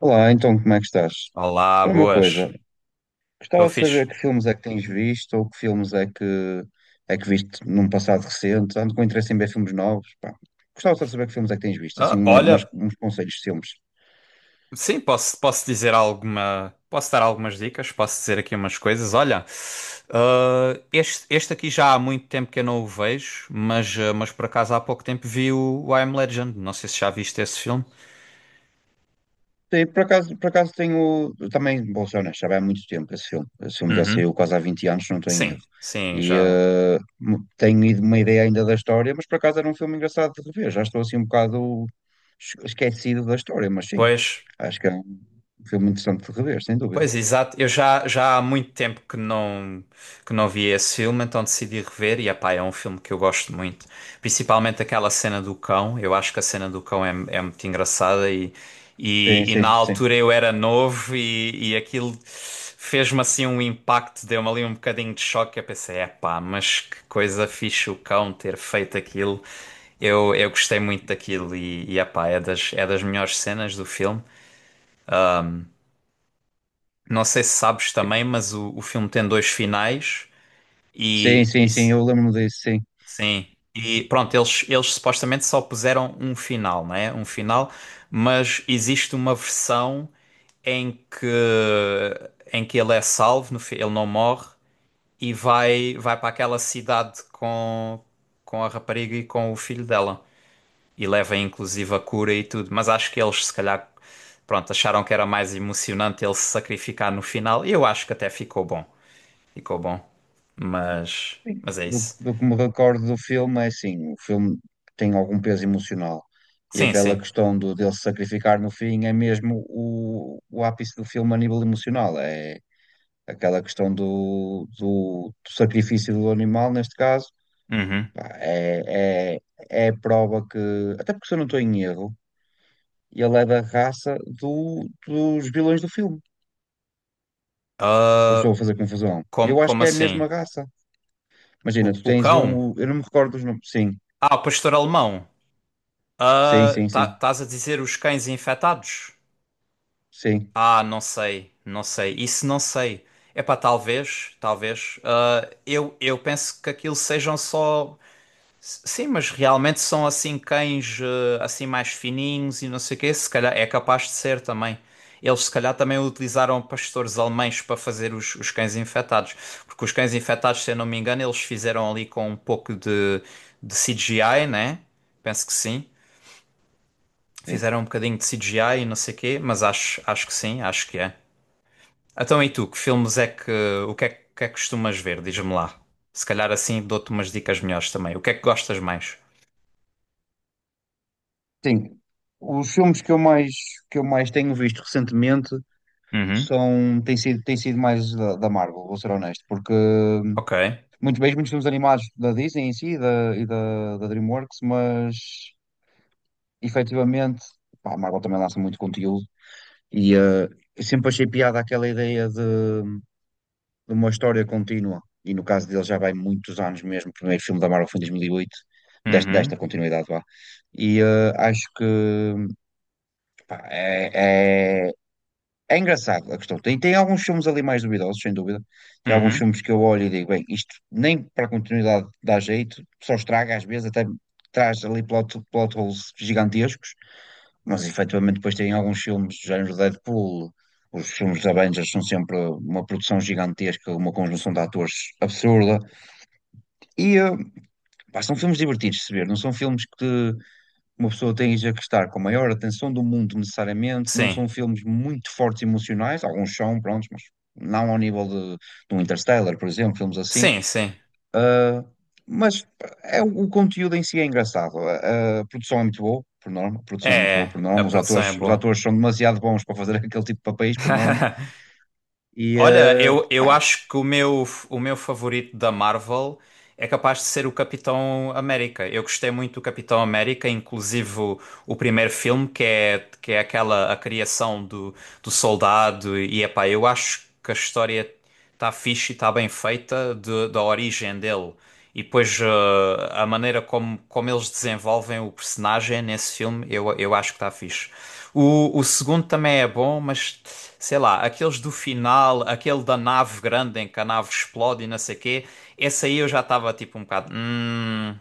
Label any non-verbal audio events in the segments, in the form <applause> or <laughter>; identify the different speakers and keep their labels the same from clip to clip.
Speaker 1: Olá, então como é que estás?
Speaker 2: Olá,
Speaker 1: Olha, uma
Speaker 2: boas.
Speaker 1: coisa,
Speaker 2: Estou
Speaker 1: gostava de
Speaker 2: fixe.
Speaker 1: saber que filmes é que tens visto ou que filmes é que viste num passado recente. Ando com interesse em ver filmes novos, pá. Gostava só de saber que filmes é que tens visto, assim,
Speaker 2: Olha,
Speaker 1: uns conselhos de filmes.
Speaker 2: posso dizer alguma. Posso dar algumas dicas, posso dizer aqui umas coisas. Olha, este aqui já há muito tempo que eu não o vejo, mas, mas por acaso há pouco tempo vi o I Am Legend. Não sei se já viste esse filme.
Speaker 1: Sim, por acaso, tenho também, vou ser honesto, já vai há muito tempo esse filme. Esse filme já
Speaker 2: Uhum.
Speaker 1: saiu quase há 20 anos, se não estou em erro.
Speaker 2: Sim, sim, já.
Speaker 1: Tenho ido uma ideia ainda da história, mas por acaso era um filme engraçado de rever. Já estou assim um bocado esquecido da história, mas sim,
Speaker 2: Pois.
Speaker 1: acho que é um filme interessante de rever, sem dúvida.
Speaker 2: Pois, exato. Já há muito tempo que não vi esse filme, então decidi rever e, epá, é um filme que eu gosto muito. Principalmente aquela cena do cão. Eu acho que a cena do cão é muito engraçada
Speaker 1: Sim,
Speaker 2: e na
Speaker 1: sim, sim.
Speaker 2: altura eu era novo e aquilo fez-me assim um impacto, deu-me ali um bocadinho de choque. Eu pensei, epá, mas que coisa fixe o cão ter feito aquilo. Eu gostei muito daquilo e epá, é das melhores cenas do filme. Não sei se sabes também, mas o filme tem dois finais
Speaker 1: Sim,
Speaker 2: e,
Speaker 1: sim,
Speaker 2: e
Speaker 1: sim,
Speaker 2: s-
Speaker 1: eu lembro-me disso, sim.
Speaker 2: sim. E pronto, eles supostamente só puseram um final, não é? Um final, mas existe uma versão em que em que ele é salvo, ele não morre e vai para aquela cidade com a rapariga e com o filho dela e leva inclusive a cura e tudo, mas acho que eles se calhar pronto, acharam que era mais emocionante ele se sacrificar no final e eu acho que até ficou bom. Ficou bom.
Speaker 1: Sim.
Speaker 2: Mas é
Speaker 1: Do,
Speaker 2: isso.
Speaker 1: do que me recordo do filme, é assim, o filme tem algum peso emocional. E
Speaker 2: Sim,
Speaker 1: aquela
Speaker 2: sim.
Speaker 1: questão dele se sacrificar no fim é mesmo o ápice do filme a nível emocional. É aquela questão do sacrifício do animal, neste caso,
Speaker 2: Uhum.
Speaker 1: pá, é a prova que, até porque, se eu não estou em erro, ele é da raça dos vilões do filme. Ou estou a fazer confusão? Eu acho
Speaker 2: Como
Speaker 1: que é a
Speaker 2: assim?
Speaker 1: mesma raça. Imagina, tu
Speaker 2: O
Speaker 1: tens
Speaker 2: cão?
Speaker 1: um. Eu não me recordo dos nomes. Sim,
Speaker 2: Ah, o pastor alemão.
Speaker 1: sim,
Speaker 2: Ah,
Speaker 1: sim,
Speaker 2: tá,
Speaker 1: sim.
Speaker 2: estás a dizer os cães infectados?
Speaker 1: Sim,
Speaker 2: Ah, não sei, não sei. Isso não sei. Epá, talvez, talvez. Eu penso que aquilo sejam só. Sim, mas realmente são assim cães assim mais fininhos e não sei o quê, se calhar é capaz de ser também. Eles se calhar também utilizaram pastores alemães para fazer os cães infectados, porque os cães infectados, se eu não me engano, eles fizeram ali com um pouco de CGI, né? Penso que sim.
Speaker 1: sim.
Speaker 2: Fizeram um bocadinho de CGI e não sei o quê, mas acho, acho que sim, acho que é. Então e tu, que filmes é que, que é que costumas ver? Diz-me lá. Se calhar assim dou-te umas dicas melhores também. O que é que gostas mais?
Speaker 1: Sim. Os filmes que eu mais tenho visto recentemente
Speaker 2: Uhum.
Speaker 1: são, têm sido mais da Marvel, vou ser honesto, porque
Speaker 2: Ok.
Speaker 1: muitos bem, muitos filmes animados da Disney em si da DreamWorks, mas efetivamente, pá, a Marvel também lança muito conteúdo. e eh, eu sempre achei piada aquela ideia de uma história contínua. E no caso dele já vai muitos anos mesmo. O primeiro filme da Marvel foi em 2008 desta,
Speaker 2: Uhum,
Speaker 1: desta continuidade lá. E eh, acho que Pá, É, é, É engraçado a questão. Tem alguns filmes ali mais duvidosos, sem dúvida. Tem alguns
Speaker 2: uhum.
Speaker 1: filmes que eu olho e digo, bem, isto nem para a continuidade dá jeito, só estraga às vezes, até traz ali plot holes gigantescos. Mas efetivamente depois tem alguns filmes do género Deadpool. Os filmes da Avengers são sempre uma produção gigantesca, uma conjunção de atores absurda. E eh, Pá, são filmes divertidos de se ver, não são filmes que uma pessoa tem já que estar com a maior atenção do mundo, necessariamente. Não
Speaker 2: Sim,
Speaker 1: são filmes muito fortes emocionais, alguns são, prontos, mas não ao nível de um Interstellar, por exemplo, filmes assim.
Speaker 2: sim, sim.
Speaker 1: Ah, mas é, o conteúdo em si é engraçado. A produção é muito boa, por norma. A
Speaker 2: É,
Speaker 1: produção é muito boa, por
Speaker 2: é, a
Speaker 1: norma.
Speaker 2: produção é
Speaker 1: Os
Speaker 2: boa.
Speaker 1: atores são demasiado bons para fazer <laughs> aquele tipo de papéis, por norma.
Speaker 2: Olha, eu
Speaker 1: Pá,
Speaker 2: acho que o meu favorito da Marvel é capaz de ser o Capitão América. Eu gostei muito do Capitão América, inclusive o primeiro filme, que é aquela a criação do soldado. E epá, eu acho que a história está fixe e está bem feita da origem dele. E depois a maneira como eles desenvolvem o personagem nesse filme, eu acho que está fixe. O segundo também é bom, mas sei lá, aqueles do final, aquele da nave grande em que a nave explode e não sei o quê, esse aí eu já estava tipo um bocado. Hum,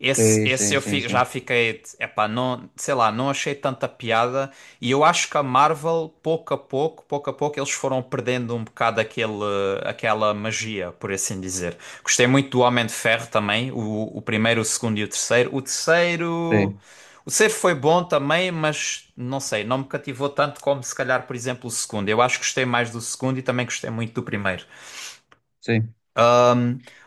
Speaker 2: esse,
Speaker 1: sim,
Speaker 2: Esse
Speaker 1: sim,
Speaker 2: eu
Speaker 1: sim,
Speaker 2: já
Speaker 1: sim,
Speaker 2: fiquei, epá, não, sei lá, não achei tanta piada e eu acho que a Marvel, pouco a pouco, eles foram perdendo um bocado aquele, aquela magia, por assim dizer. Gostei muito do Homem de Ferro também, o primeiro, o segundo e o terceiro.
Speaker 1: sim,
Speaker 2: O terceiro foi bom também, mas não sei, não me cativou tanto como se calhar, por exemplo, o segundo. Eu acho que gostei mais do segundo e também gostei muito do primeiro.
Speaker 1: sim.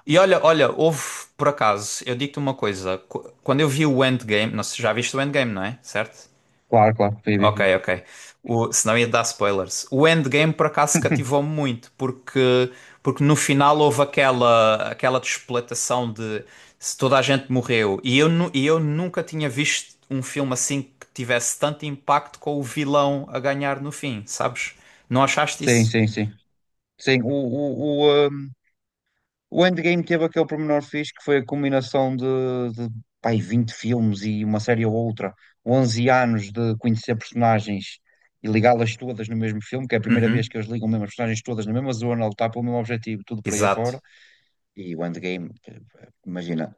Speaker 2: E olha, olha, houve, por acaso, eu digo-te uma coisa. Quando eu vi o Endgame, não sei, já viste o Endgame, não é? Certo?
Speaker 1: Claro, claro. Sim, sim,
Speaker 2: Ok,
Speaker 1: sim.
Speaker 2: ok. O, senão ia dar spoilers. O Endgame, por acaso, cativou-me
Speaker 1: <laughs>
Speaker 2: muito, porque, porque no final houve aquela, aquela despletação de se toda a gente morreu. E eu nunca tinha visto um filme assim que tivesse tanto impacto com o vilão a ganhar no fim, sabes? Não achaste
Speaker 1: Sim,
Speaker 2: isso?
Speaker 1: sim, sim. Sim, o, o, o, ah, O Endgame teve aquele pormenor fixe que foi a combinação de pá, aí 20 filmes e uma série ou outra, 11 anos de conhecer personagens e ligá-las todas no mesmo filme, que é a primeira vez
Speaker 2: Uhum,
Speaker 1: que eles ligam mesmo as personagens todas na mesma zona, a lutar pelo mesmo objetivo, tudo por aí
Speaker 2: exato.
Speaker 1: afora. E o Endgame, eh, imagina,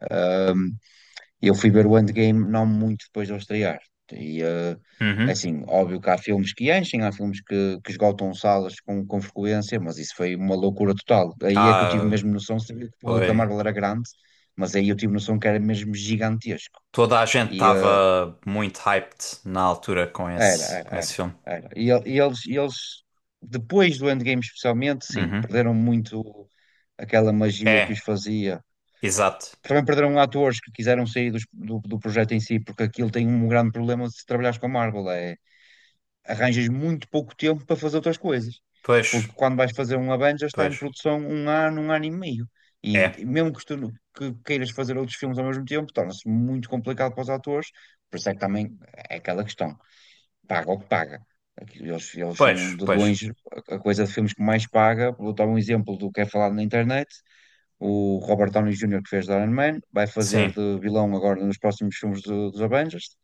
Speaker 1: Eu fui ver o Endgame não muito depois de eu estrear. E, eh,
Speaker 2: Uhum.
Speaker 1: assim, óbvio que há filmes que enchem, há filmes que esgotam salas com frequência, mas isso foi uma loucura total. Aí é que eu tive
Speaker 2: Ah,
Speaker 1: mesmo noção, sabia que o público da
Speaker 2: foi.
Speaker 1: Marvel era grande, mas aí eu tive noção que era mesmo gigantesco.
Speaker 2: Toda a gente
Speaker 1: E eh,
Speaker 2: estava muito hyped na altura
Speaker 1: era, era,
Speaker 2: com esse
Speaker 1: era,
Speaker 2: filme.
Speaker 1: Era. Depois do Endgame especialmente, sim,
Speaker 2: Uhum.
Speaker 1: perderam muito aquela magia que os
Speaker 2: É,
Speaker 1: fazia.
Speaker 2: exato.
Speaker 1: Também perderam atores que quiseram sair do projeto em si, porque aquilo tem um grande problema se trabalhares com a Marvel, é arranjas muito pouco tempo para fazer outras coisas.
Speaker 2: Pois,
Speaker 1: Porque quando vais fazer um Avengers está em
Speaker 2: pois.
Speaker 1: produção um ano e meio. E
Speaker 2: É.
Speaker 1: mesmo que tu que queiras fazer outros filmes ao mesmo tempo, torna-se muito complicado para os atores. Por isso é que também é aquela questão, paga o que paga. Aqui eles, eles
Speaker 2: Pois,
Speaker 1: são de
Speaker 2: pois.
Speaker 1: longe a coisa de filmes que mais paga. Vou dar um exemplo do que é falado na internet: o Robert Downey Jr., que fez de Iron Man, vai fazer
Speaker 2: Sim.
Speaker 1: de vilão agora nos próximos filmes dos Avengers,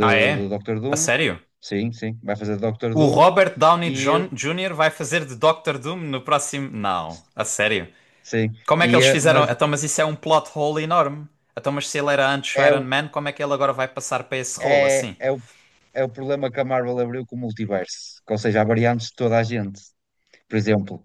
Speaker 2: Ah,
Speaker 1: de
Speaker 2: é?
Speaker 1: Doctor
Speaker 2: A
Speaker 1: Doom.
Speaker 2: sério?
Speaker 1: Sim, sim, vai fazer de Doctor
Speaker 2: O
Speaker 1: Doom.
Speaker 2: Robert
Speaker 1: E,
Speaker 2: Jr. vai fazer de Doctor Doom no próximo. Não, a sério.
Speaker 1: sim,
Speaker 2: Como é que eles fizeram?
Speaker 1: mas
Speaker 2: Então, mas isso é um plot hole enorme. Então, mas se ele era antes o
Speaker 1: é
Speaker 2: Iron
Speaker 1: o,
Speaker 2: Man, como é que ele agora vai passar para esse rolo assim?
Speaker 1: é o, é o problema que a Marvel abriu com o multiverso, que, ou seja, há variantes de toda a gente. Por exemplo,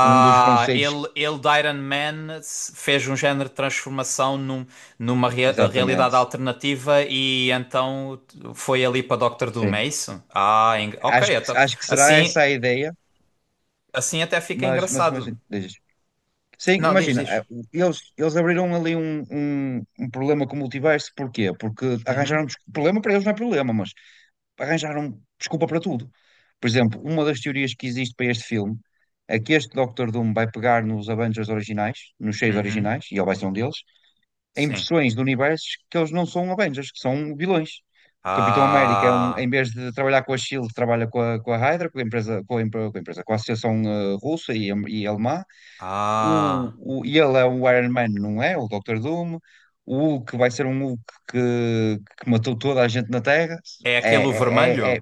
Speaker 1: um dos conceitos.
Speaker 2: Ele de Iron Man fez um género de transformação numa realidade
Speaker 1: Exatamente,
Speaker 2: alternativa e então foi ali para Doctor Doom, é
Speaker 1: sim.
Speaker 2: isso? Ok, então,
Speaker 1: Acho que será
Speaker 2: assim,
Speaker 1: essa a ideia,
Speaker 2: assim até fica
Speaker 1: mas
Speaker 2: engraçado.
Speaker 1: imagina. Diz. Sim,
Speaker 2: Não, diz,
Speaker 1: imagina,
Speaker 2: diz.
Speaker 1: eles abriram ali um problema com o multiverso, porquê? Porque arranjaram
Speaker 2: Uhum,
Speaker 1: problema para eles não é problema, mas arranjaram desculpa para tudo. Por exemplo, uma das teorias que existe para este filme é que este Doctor Doom vai pegar nos Avengers originais, nos seis
Speaker 2: uhum,
Speaker 1: originais, e ele vai ser um deles, em
Speaker 2: sim.
Speaker 1: versões de universos que eles não são Avengers, que são vilões. O Capitão América é um, em
Speaker 2: Ah,
Speaker 1: vez de trabalhar com a Shield, trabalha com a Hydra, com a empresa, com a empresa, com a Associação, Russa e Alemã.
Speaker 2: ah,
Speaker 1: E ele é o Iron Man, não é? O Dr. Doom. O Hulk vai ser um Hulk que, que matou toda a gente na Terra.
Speaker 2: é aquele o
Speaker 1: É, é, é,
Speaker 2: vermelho?
Speaker 1: é.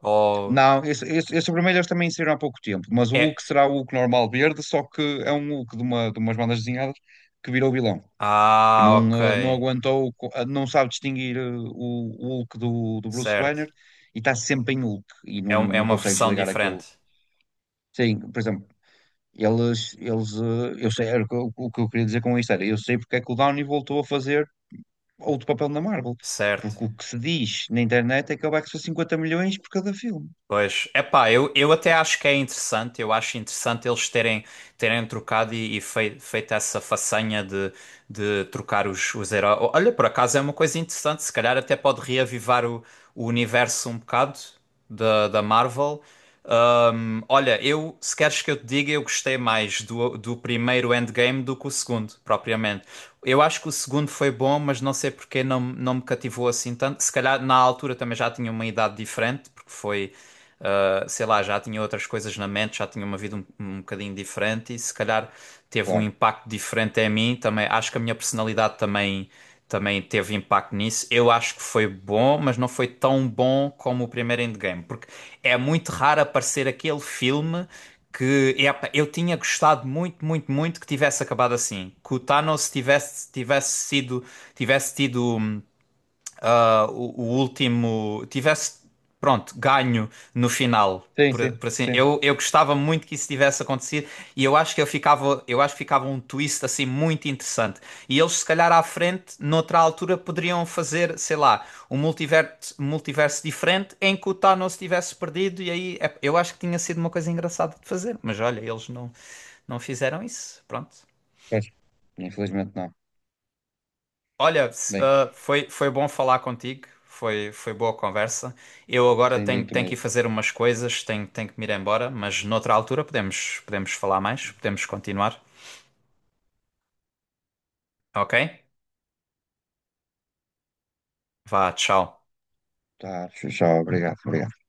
Speaker 2: Ou
Speaker 1: Não, esses vermelhos também saíram há pouco tempo, mas o Hulk
Speaker 2: é?
Speaker 1: será o Hulk normal verde, só que é um Hulk de umas bandas desenhadas que virou vilão, que
Speaker 2: Ah,
Speaker 1: não,
Speaker 2: ok,
Speaker 1: não aguentou, não sabe distinguir, o Hulk do Bruce
Speaker 2: certo.
Speaker 1: Banner, e está sempre em Hulk e não,
Speaker 2: É, é
Speaker 1: não
Speaker 2: uma
Speaker 1: consegue
Speaker 2: versão
Speaker 1: desligar aquele.
Speaker 2: diferente,
Speaker 1: Sim, por exemplo. Eu sei, era o que eu queria dizer com isto era, eu sei porque é que o Downey voltou a fazer outro papel na Marvel,
Speaker 2: certo?
Speaker 1: porque o que se diz na internet é que ele vai custar 50 milhões por cada filme.
Speaker 2: Pois, epá, eu até acho que é interessante, eu acho interessante eles terem, terem trocado e feito essa façanha de trocar os heróis. Olha, por acaso é uma coisa interessante, se calhar até pode reavivar o universo um bocado da Marvel. Olha, eu, se queres que eu te diga, eu gostei mais do primeiro Endgame do que o segundo, propriamente. Eu acho que o segundo foi bom, mas não sei porque não me cativou assim tanto. Se calhar na altura também já tinha uma idade diferente, porque foi sei lá, já tinha outras coisas na mente, já tinha uma vida um bocadinho diferente e se calhar teve um
Speaker 1: Claro.
Speaker 2: impacto diferente em mim também. Acho que a minha personalidade também teve impacto nisso. Eu acho que foi bom, mas não foi tão bom como o primeiro Endgame, porque é muito raro aparecer aquele filme que epá, eu tinha gostado muito, muito, muito que tivesse acabado assim, que o Thanos tivesse tivesse sido tivesse tido o último tivesse, pronto, ganho no final.
Speaker 1: Sim, sim,
Speaker 2: Por assim,
Speaker 1: sim.
Speaker 2: eu gostava muito que isso tivesse acontecido e eu acho que eu ficava, eu acho que ficava um twist assim muito interessante. E eles, se calhar, à frente, noutra altura, poderiam fazer, sei lá, um multiverso, multiverso diferente em que o Thanos tivesse perdido. E eu acho que tinha sido uma coisa engraçada de fazer, mas olha, eles não, não fizeram isso. Pronto.
Speaker 1: Pois. Infelizmente não.
Speaker 2: Olha,
Speaker 1: Bem,
Speaker 2: foi bom falar contigo, foi boa conversa.
Speaker 1: sem digo
Speaker 2: Tenho que ir
Speaker 1: mesmo.
Speaker 2: fazer umas coisas, tenho que me ir embora, mas noutra altura podemos falar mais, podemos continuar, ok? Vá, tchau.
Speaker 1: Tá, tchau, obrigado, obrigado.